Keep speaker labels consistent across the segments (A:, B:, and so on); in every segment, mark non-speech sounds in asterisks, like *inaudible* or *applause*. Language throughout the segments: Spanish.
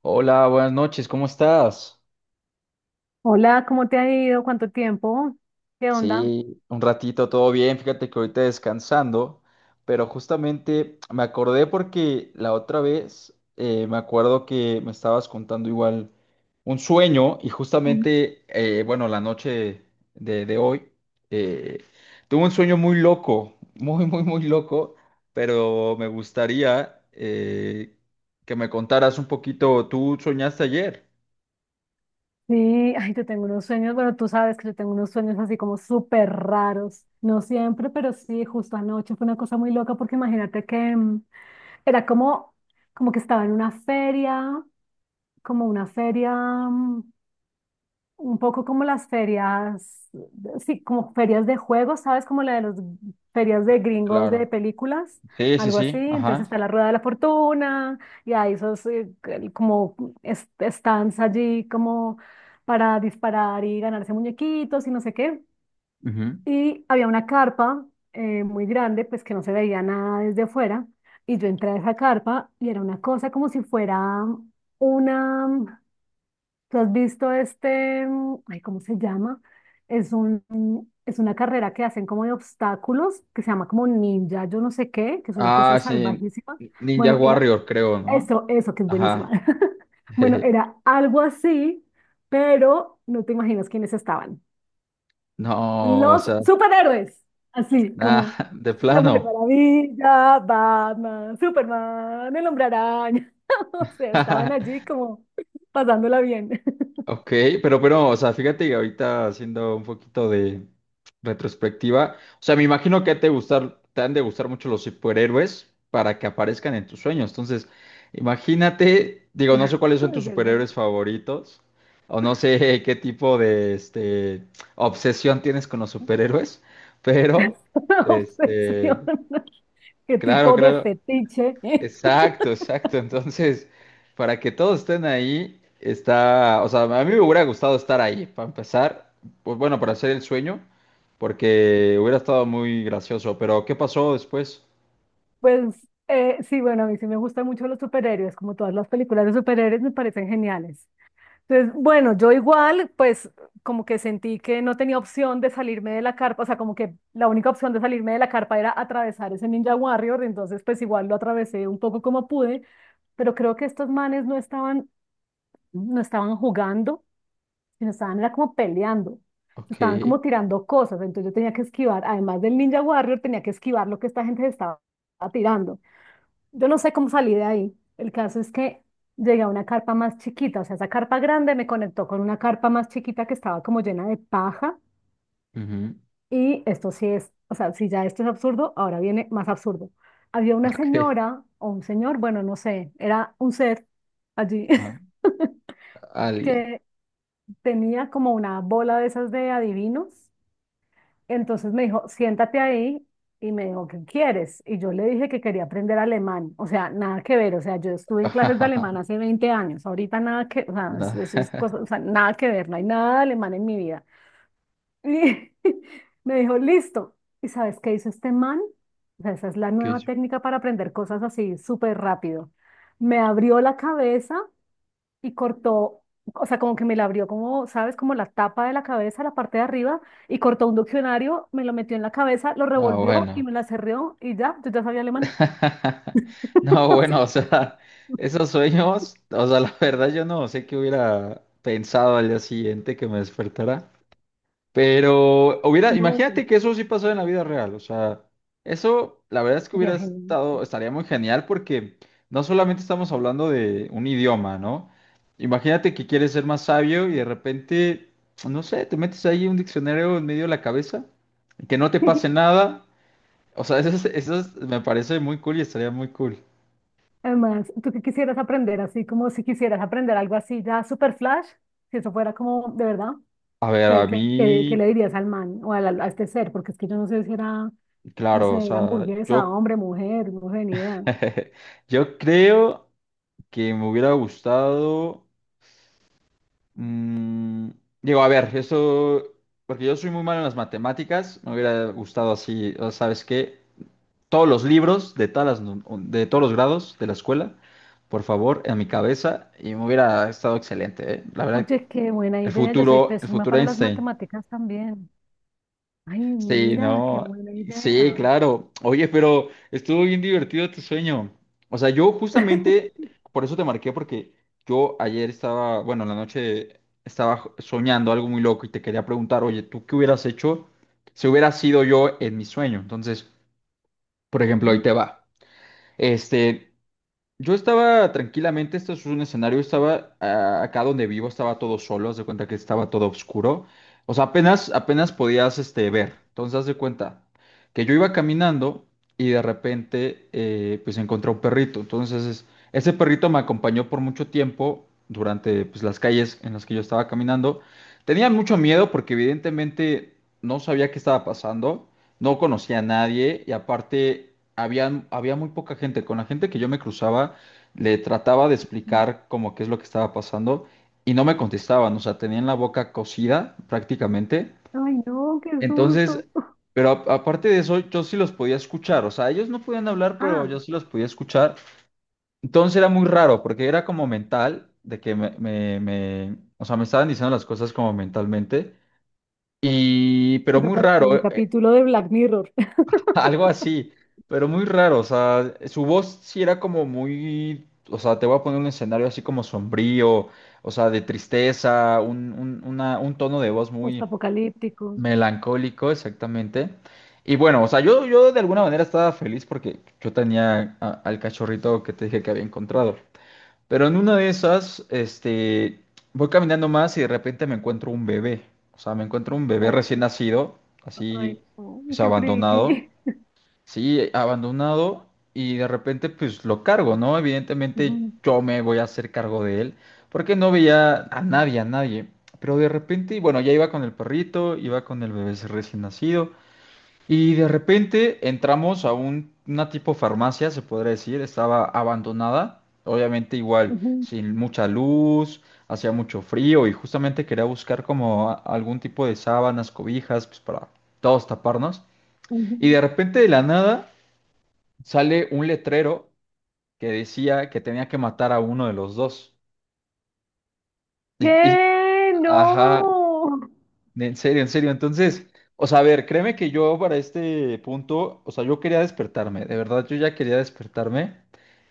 A: Hola, buenas noches, ¿cómo estás?
B: Hola, ¿cómo te ha ido? ¿Cuánto tiempo? ¿Qué onda?
A: Sí, un ratito, todo bien, fíjate que ahorita descansando, pero justamente me acordé porque la otra vez me acuerdo que me estabas contando igual un sueño y
B: Mm.
A: justamente, bueno, la noche de hoy, eh, tuve un sueño muy loco, *laughs* muy, muy, muy loco, pero me gustaría que me contaras un poquito, ¿tú soñaste ayer?
B: Sí, ay, yo tengo unos sueños, bueno, tú sabes que yo tengo unos sueños así como súper raros, no siempre, pero sí, justo anoche fue una cosa muy loca porque imagínate que era como, como que estaba en una feria, como una feria. Mm, Un poco como las ferias, sí, como ferias de juegos, ¿sabes? Como la de las ferias de gringos de
A: Claro.
B: películas,
A: Sí, sí,
B: algo así.
A: sí,
B: Entonces está
A: ajá.
B: la Rueda de la Fortuna y hay esos como stands allí como para disparar y ganarse muñequitos y no sé qué.
A: Ujú.
B: Y había una carpa muy grande, pues que no se veía nada desde afuera. Y yo entré a esa carpa y era una cosa como si fuera una. ¿Tú has visto este, ay, cómo se llama? Es un, mm, es una carrera que hacen como de obstáculos, que se llama como ninja, yo no sé qué, que es una cosa
A: Ah, sí,
B: salvajísima.
A: Ninja
B: Bueno, era
A: Warrior, creo, ¿no?
B: eso, eso que es buenísima.
A: Ajá.
B: *laughs* Bueno,
A: *laughs*
B: era algo así, pero no te imaginas quiénes estaban.
A: No, o
B: Los
A: sea,
B: superhéroes, así como
A: nada, de
B: la Mujer
A: plano.
B: Maravilla, Batman, Superman, el Hombre Araña. *laughs* O sea, estaban
A: *laughs*
B: allí como pasándola bien. *laughs*
A: Ok, pero, o sea, fíjate que ahorita haciendo un poquito de retrospectiva, o sea, me imagino que te gustar, te han de gustar mucho los superhéroes para que aparezcan en tus sueños. Entonces, imagínate, digo, no sé cuáles son tus
B: Es verdad.
A: superhéroes favoritos, o no sé *laughs* qué tipo de este obsesión tienes con los superhéroes, *laughs* pero
B: *laughs*
A: este,
B: Obsesión, qué
A: claro,
B: tipo de
A: claro.
B: fetiche.
A: Exacto, exacto. Entonces, para que todos estén ahí, está, o sea, a mí me hubiera gustado estar ahí, para empezar, pues bueno, para hacer el sueño, porque hubiera estado muy gracioso, pero ¿qué pasó después?
B: Pues sí, bueno, a mí sí me gustan mucho los superhéroes, como todas las películas de superhéroes me parecen geniales. Entonces, bueno, yo igual, pues como que sentí que no tenía opción de salirme de la carpa, o sea, como que la única opción de salirme de la carpa era atravesar ese Ninja Warrior, entonces pues igual lo atravesé un poco como pude, pero creo que estos manes no estaban jugando y nos estaban era como peleando, se
A: Ok,
B: estaban como tirando cosas, entonces yo tenía que esquivar, además del Ninja Warrior, tenía que esquivar lo que esta gente se estaba tirando. Yo no sé cómo salí de ahí. El caso es que llegué a una carpa más chiquita, o sea, esa carpa grande me conectó con una carpa más chiquita que estaba como llena de paja
A: ujú,
B: y esto sí es, o sea, si ya esto es absurdo, ahora viene más absurdo. Había una
A: ok,
B: señora o un señor, bueno, no sé, era un ser allí
A: ajá,
B: *laughs*
A: alguien.
B: que tenía como una bola de esas de adivinos. Entonces me dijo, siéntate ahí y me dijo, ¿qué quieres? Y yo le dije que quería aprender alemán, o sea, nada que ver, o sea, yo estuve en clases de alemán
A: *laughs*
B: hace 20 años, ahorita nada que, o sea,
A: No,
B: eso es cosa,
A: *laughs*
B: o sea, nada que ver, no hay nada de alemán en mi vida. Y *laughs* me dijo, listo. ¿Y sabes qué hizo este man? O sea, esa es la
A: ¿qué
B: nueva
A: yo?
B: técnica para aprender cosas así súper rápido. Me abrió la cabeza y cortó, o sea, como que me la abrió como, ¿sabes? Como la tapa de la cabeza, la parte de arriba, y cortó un diccionario, me lo metió en la cabeza, lo
A: No,
B: revolvió y
A: bueno.
B: me la cerró y ya, yo ya sabía alemán.
A: *laughs* No,
B: *laughs*
A: bueno,
B: Sí,
A: o sea, esos sueños, o sea, la verdad yo no sé qué hubiera pensado al día siguiente que me despertara. Pero hubiera,
B: no, pues,
A: imagínate que eso sí pasó en la vida real, o sea, eso la verdad es que
B: sería
A: hubiera
B: genial.
A: estado, estaría muy genial porque no solamente estamos hablando de un idioma, ¿no? Imagínate que quieres ser más sabio y de repente, no sé, te metes ahí un diccionario en medio de la cabeza, que no te pase
B: *laughs*
A: nada, o sea, *laughs* eso, eso me parece muy cool y estaría muy cool.
B: Además, ¿tú qué quisieras aprender? Así como si quisieras aprender algo así ya super flash, si eso fuera como de verdad,
A: A ver,
B: ¿qué,
A: a
B: qué, qué- qué
A: mí,
B: le dirías al man o a este ser? Porque es que yo no sé si era, no
A: claro, o
B: sé, era
A: sea,
B: hamburguesa,
A: yo,
B: hombre, mujer, no sé, ni idea.
A: *laughs* yo creo que me hubiera gustado... Mm, digo, a ver, eso, porque yo soy muy malo en las matemáticas, me hubiera gustado así, o ¿sabes qué? Todos los libros de todas las de todos los grados de la escuela, por favor, en mi cabeza, y me hubiera estado excelente, ¿eh? La verdad,
B: Oye, qué buena idea. Yo soy
A: el
B: pésima
A: futuro
B: para las
A: Einstein.
B: matemáticas también. Ay,
A: Sí,
B: mira, qué
A: no,
B: buena
A: sí,
B: idea.
A: claro. Oye, pero estuvo bien divertido tu sueño. O sea, yo justamente, por eso te marqué, porque yo ayer estaba, bueno, en la noche estaba soñando algo muy loco y te quería preguntar, oye, ¿tú qué hubieras hecho si hubiera sido yo en mi sueño? Entonces, por ejemplo, ahí
B: Ujú.
A: te va. Este, yo estaba tranquilamente, esto es un escenario, estaba acá donde vivo, estaba todo solo, haz de cuenta que estaba todo oscuro. O sea, apenas, apenas podías este, ver. Entonces, haz de cuenta que yo iba caminando y de repente pues encontré un perrito. Entonces, ese perrito me acompañó por mucho tiempo durante pues, las calles en las que yo estaba caminando. Tenía mucho miedo porque evidentemente no sabía qué estaba pasando, no conocía a nadie y aparte había muy poca gente. Con la gente que yo me cruzaba, le trataba de explicar como qué es lo que estaba pasando y no me contestaban, o sea, tenían la boca cocida prácticamente.
B: Ay, no, qué
A: Entonces,
B: susto. *laughs*
A: pero aparte de eso, yo sí los podía escuchar, o sea, ellos no podían hablar, pero
B: Ah,
A: yo sí los podía escuchar. Entonces era muy raro porque era como mental, de que o sea, me estaban diciendo las cosas como mentalmente. Y, pero
B: eso
A: muy
B: parece un
A: raro.
B: capítulo de Black Mirror. *laughs*
A: *laughs* Algo así, pero muy raro, o sea, su voz sí era como muy, o sea, te voy a poner un escenario así como sombrío, o sea, de tristeza, un tono de voz muy
B: Postapocalíptico.
A: melancólico, exactamente. Y bueno, o sea, yo de alguna manera estaba feliz porque yo tenía al cachorrito que te dije que había encontrado. Pero en una de esas, este, voy caminando más y de repente me encuentro un bebé, o sea, me encuentro un bebé
B: Oh,
A: recién nacido,
B: oh, ay,
A: así,
B: no,
A: pues
B: qué
A: abandonado.
B: friki.
A: Sí, abandonado y de repente pues lo cargo, ¿no?
B: *laughs*
A: Evidentemente
B: Ujú,
A: yo me voy a hacer cargo de él porque no veía a nadie, a nadie. Pero de repente, bueno, ya iba con el perrito, iba con el bebé recién nacido y de repente entramos a un, una tipo farmacia, se podría decir, estaba abandonada, obviamente igual,
B: ujú,
A: sin mucha luz, hacía mucho frío y justamente quería buscar como algún tipo de sábanas, cobijas, pues para todos taparnos. Y
B: ujú.
A: de repente de la nada sale un letrero que decía que tenía que matar a uno de los dos. Y, y-
B: ¿Qué?
A: ajá,
B: No.
A: en serio, en serio. Entonces, o sea, a ver, créeme que yo para este punto, o sea, yo quería despertarme, de verdad, yo ya quería despertarme.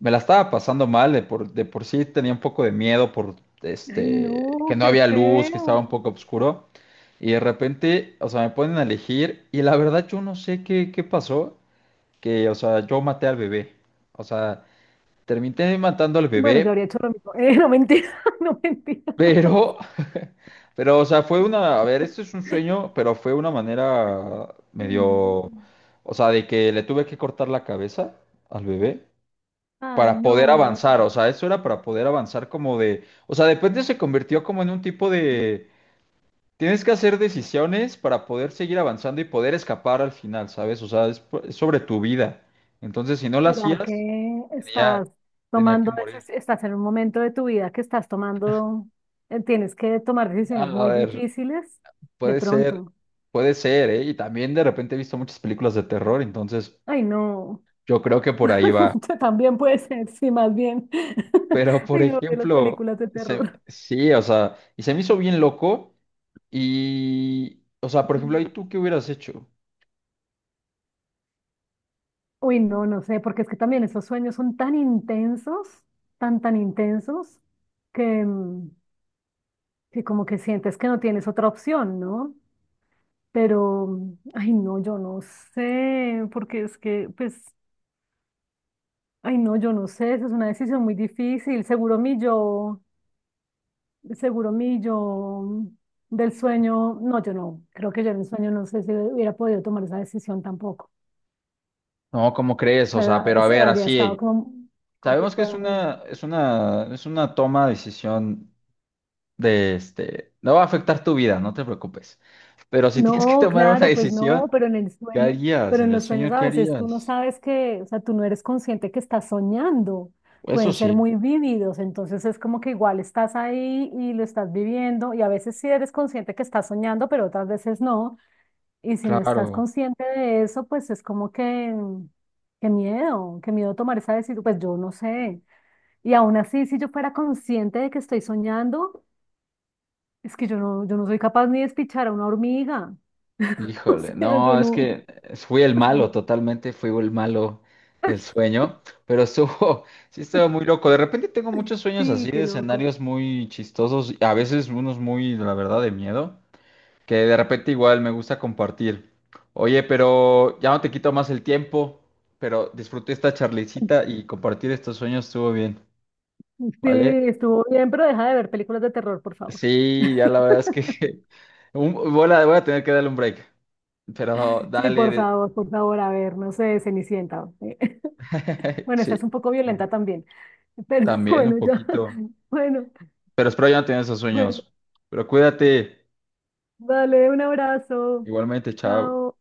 A: Me la estaba pasando mal, de por sí tenía un poco de miedo por
B: Ay,
A: este, que
B: no,
A: no
B: qué
A: había luz, que estaba
B: feo.
A: un poco oscuro. Y de repente, o sea, me ponen a elegir y la verdad yo no sé qué pasó, que, o sea, yo maté al bebé. O sea, terminé matando al
B: Bueno, yo
A: bebé,
B: habría hecho lo mismo. *laughs* No mentira, *laughs* no mentira.
A: pero, *laughs* pero, o sea, fue una, a ver, esto es un sueño, pero fue una manera
B: Ay, no.
A: medio, o sea, de que le tuve que cortar la cabeza al bebé
B: Ay,
A: para poder
B: no.
A: avanzar, o sea, eso era para poder avanzar como de, o sea, de repente se convirtió como en un tipo de, tienes que hacer decisiones para poder seguir avanzando y poder escapar al final, ¿sabes? O sea, es, es sobre tu vida. Entonces, si no la
B: ¿Será
A: hacías,
B: que
A: tenía,
B: estás
A: tenía que
B: tomando,
A: morir.
B: estás en un momento de tu vida que estás tomando, tienes que tomar
A: Ah,
B: decisiones
A: a
B: muy
A: ver,
B: difíciles de
A: puede ser,
B: pronto?
A: puede ser, ¿eh? Y también de repente he visto muchas películas de terror, entonces
B: Ay, no,
A: yo creo que por ahí va.
B: *laughs* también puede ser, sí, más bien.
A: Pero,
B: *laughs*
A: por
B: Ay, yo de las
A: ejemplo,
B: películas de
A: se
B: terror.
A: sí, o sea, y se me hizo bien loco y, o sea, por ejemplo,
B: Ujú.
A: ¿ahí tú qué hubieras hecho?
B: Uy, no, no sé, porque es que también esos sueños son tan intensos, tan, tan intensos, que, que como que sientes que no tienes otra opción, ¿no? Pero, ay, no, yo no sé, porque es que, pues, ay, no, yo no sé, esa es una decisión muy difícil. Seguro mi yo del sueño, no, yo no, creo que yo en el sueño no sé si hubiera podido tomar esa decisión tampoco.
A: No, ¿cómo crees?
B: O
A: O sea,
B: sea,
A: pero a ver,
B: habría estado
A: así,
B: como
A: sabemos que
B: conflicto.
A: es una, es una, es una toma de decisión de, este, no va a afectar tu vida, no te preocupes. Pero si *laughs* tienes que
B: No,
A: tomar una
B: claro, pues no,
A: decisión,
B: pero en el
A: ¿qué
B: sueño,
A: harías?
B: pero en
A: En el
B: los sueños
A: sueño,
B: a
A: ¿qué
B: veces tú no
A: harías?
B: sabes que, o sea, tú no eres consciente que estás soñando,
A: Eso
B: pueden ser
A: sí,
B: muy vívidos, entonces es como que igual estás ahí y lo estás viviendo y a veces sí eres consciente que estás soñando, pero otras veces no, y si no estás
A: claro.
B: consciente de eso, pues es como que, qué miedo tomar esa decisión, pues yo no sé, y aún así, si yo fuera consciente de que estoy soñando, es que yo no, yo no soy capaz ni de despichar a una hormiga. *laughs* O
A: Híjole,
B: sea, yo
A: no, es
B: no.
A: que fui el malo,
B: *laughs*
A: totalmente fui el malo del sueño, pero estuvo, *laughs* sí estaba muy loco. De repente tengo muchos sueños
B: Sí,
A: así de
B: qué loco.
A: escenarios muy chistosos, a veces unos muy, la verdad, de miedo, que de repente igual me gusta compartir. Oye, pero ya no te quito más el tiempo, pero disfruté esta charlicita y compartir estos sueños estuvo bien,
B: Sí,
A: ¿vale?
B: estuvo bien, pero deja de ver películas de terror, por favor.
A: Sí, ya la verdad es que *laughs* voy a, voy a tener que darle un break, pero
B: Sí,
A: dale,
B: por favor, a ver, no sé, Cenicienta, eh. *laughs*
A: *laughs*
B: Bueno, esa es
A: sí.
B: un poco violenta también, pero *laughs*
A: También un
B: bueno, ya.
A: poquito.
B: Bueno,
A: Pero espero ya no tener esos
B: bueno,
A: sueños. Pero cuídate.
B: dale un abrazo.
A: Igualmente, chao.
B: Chao.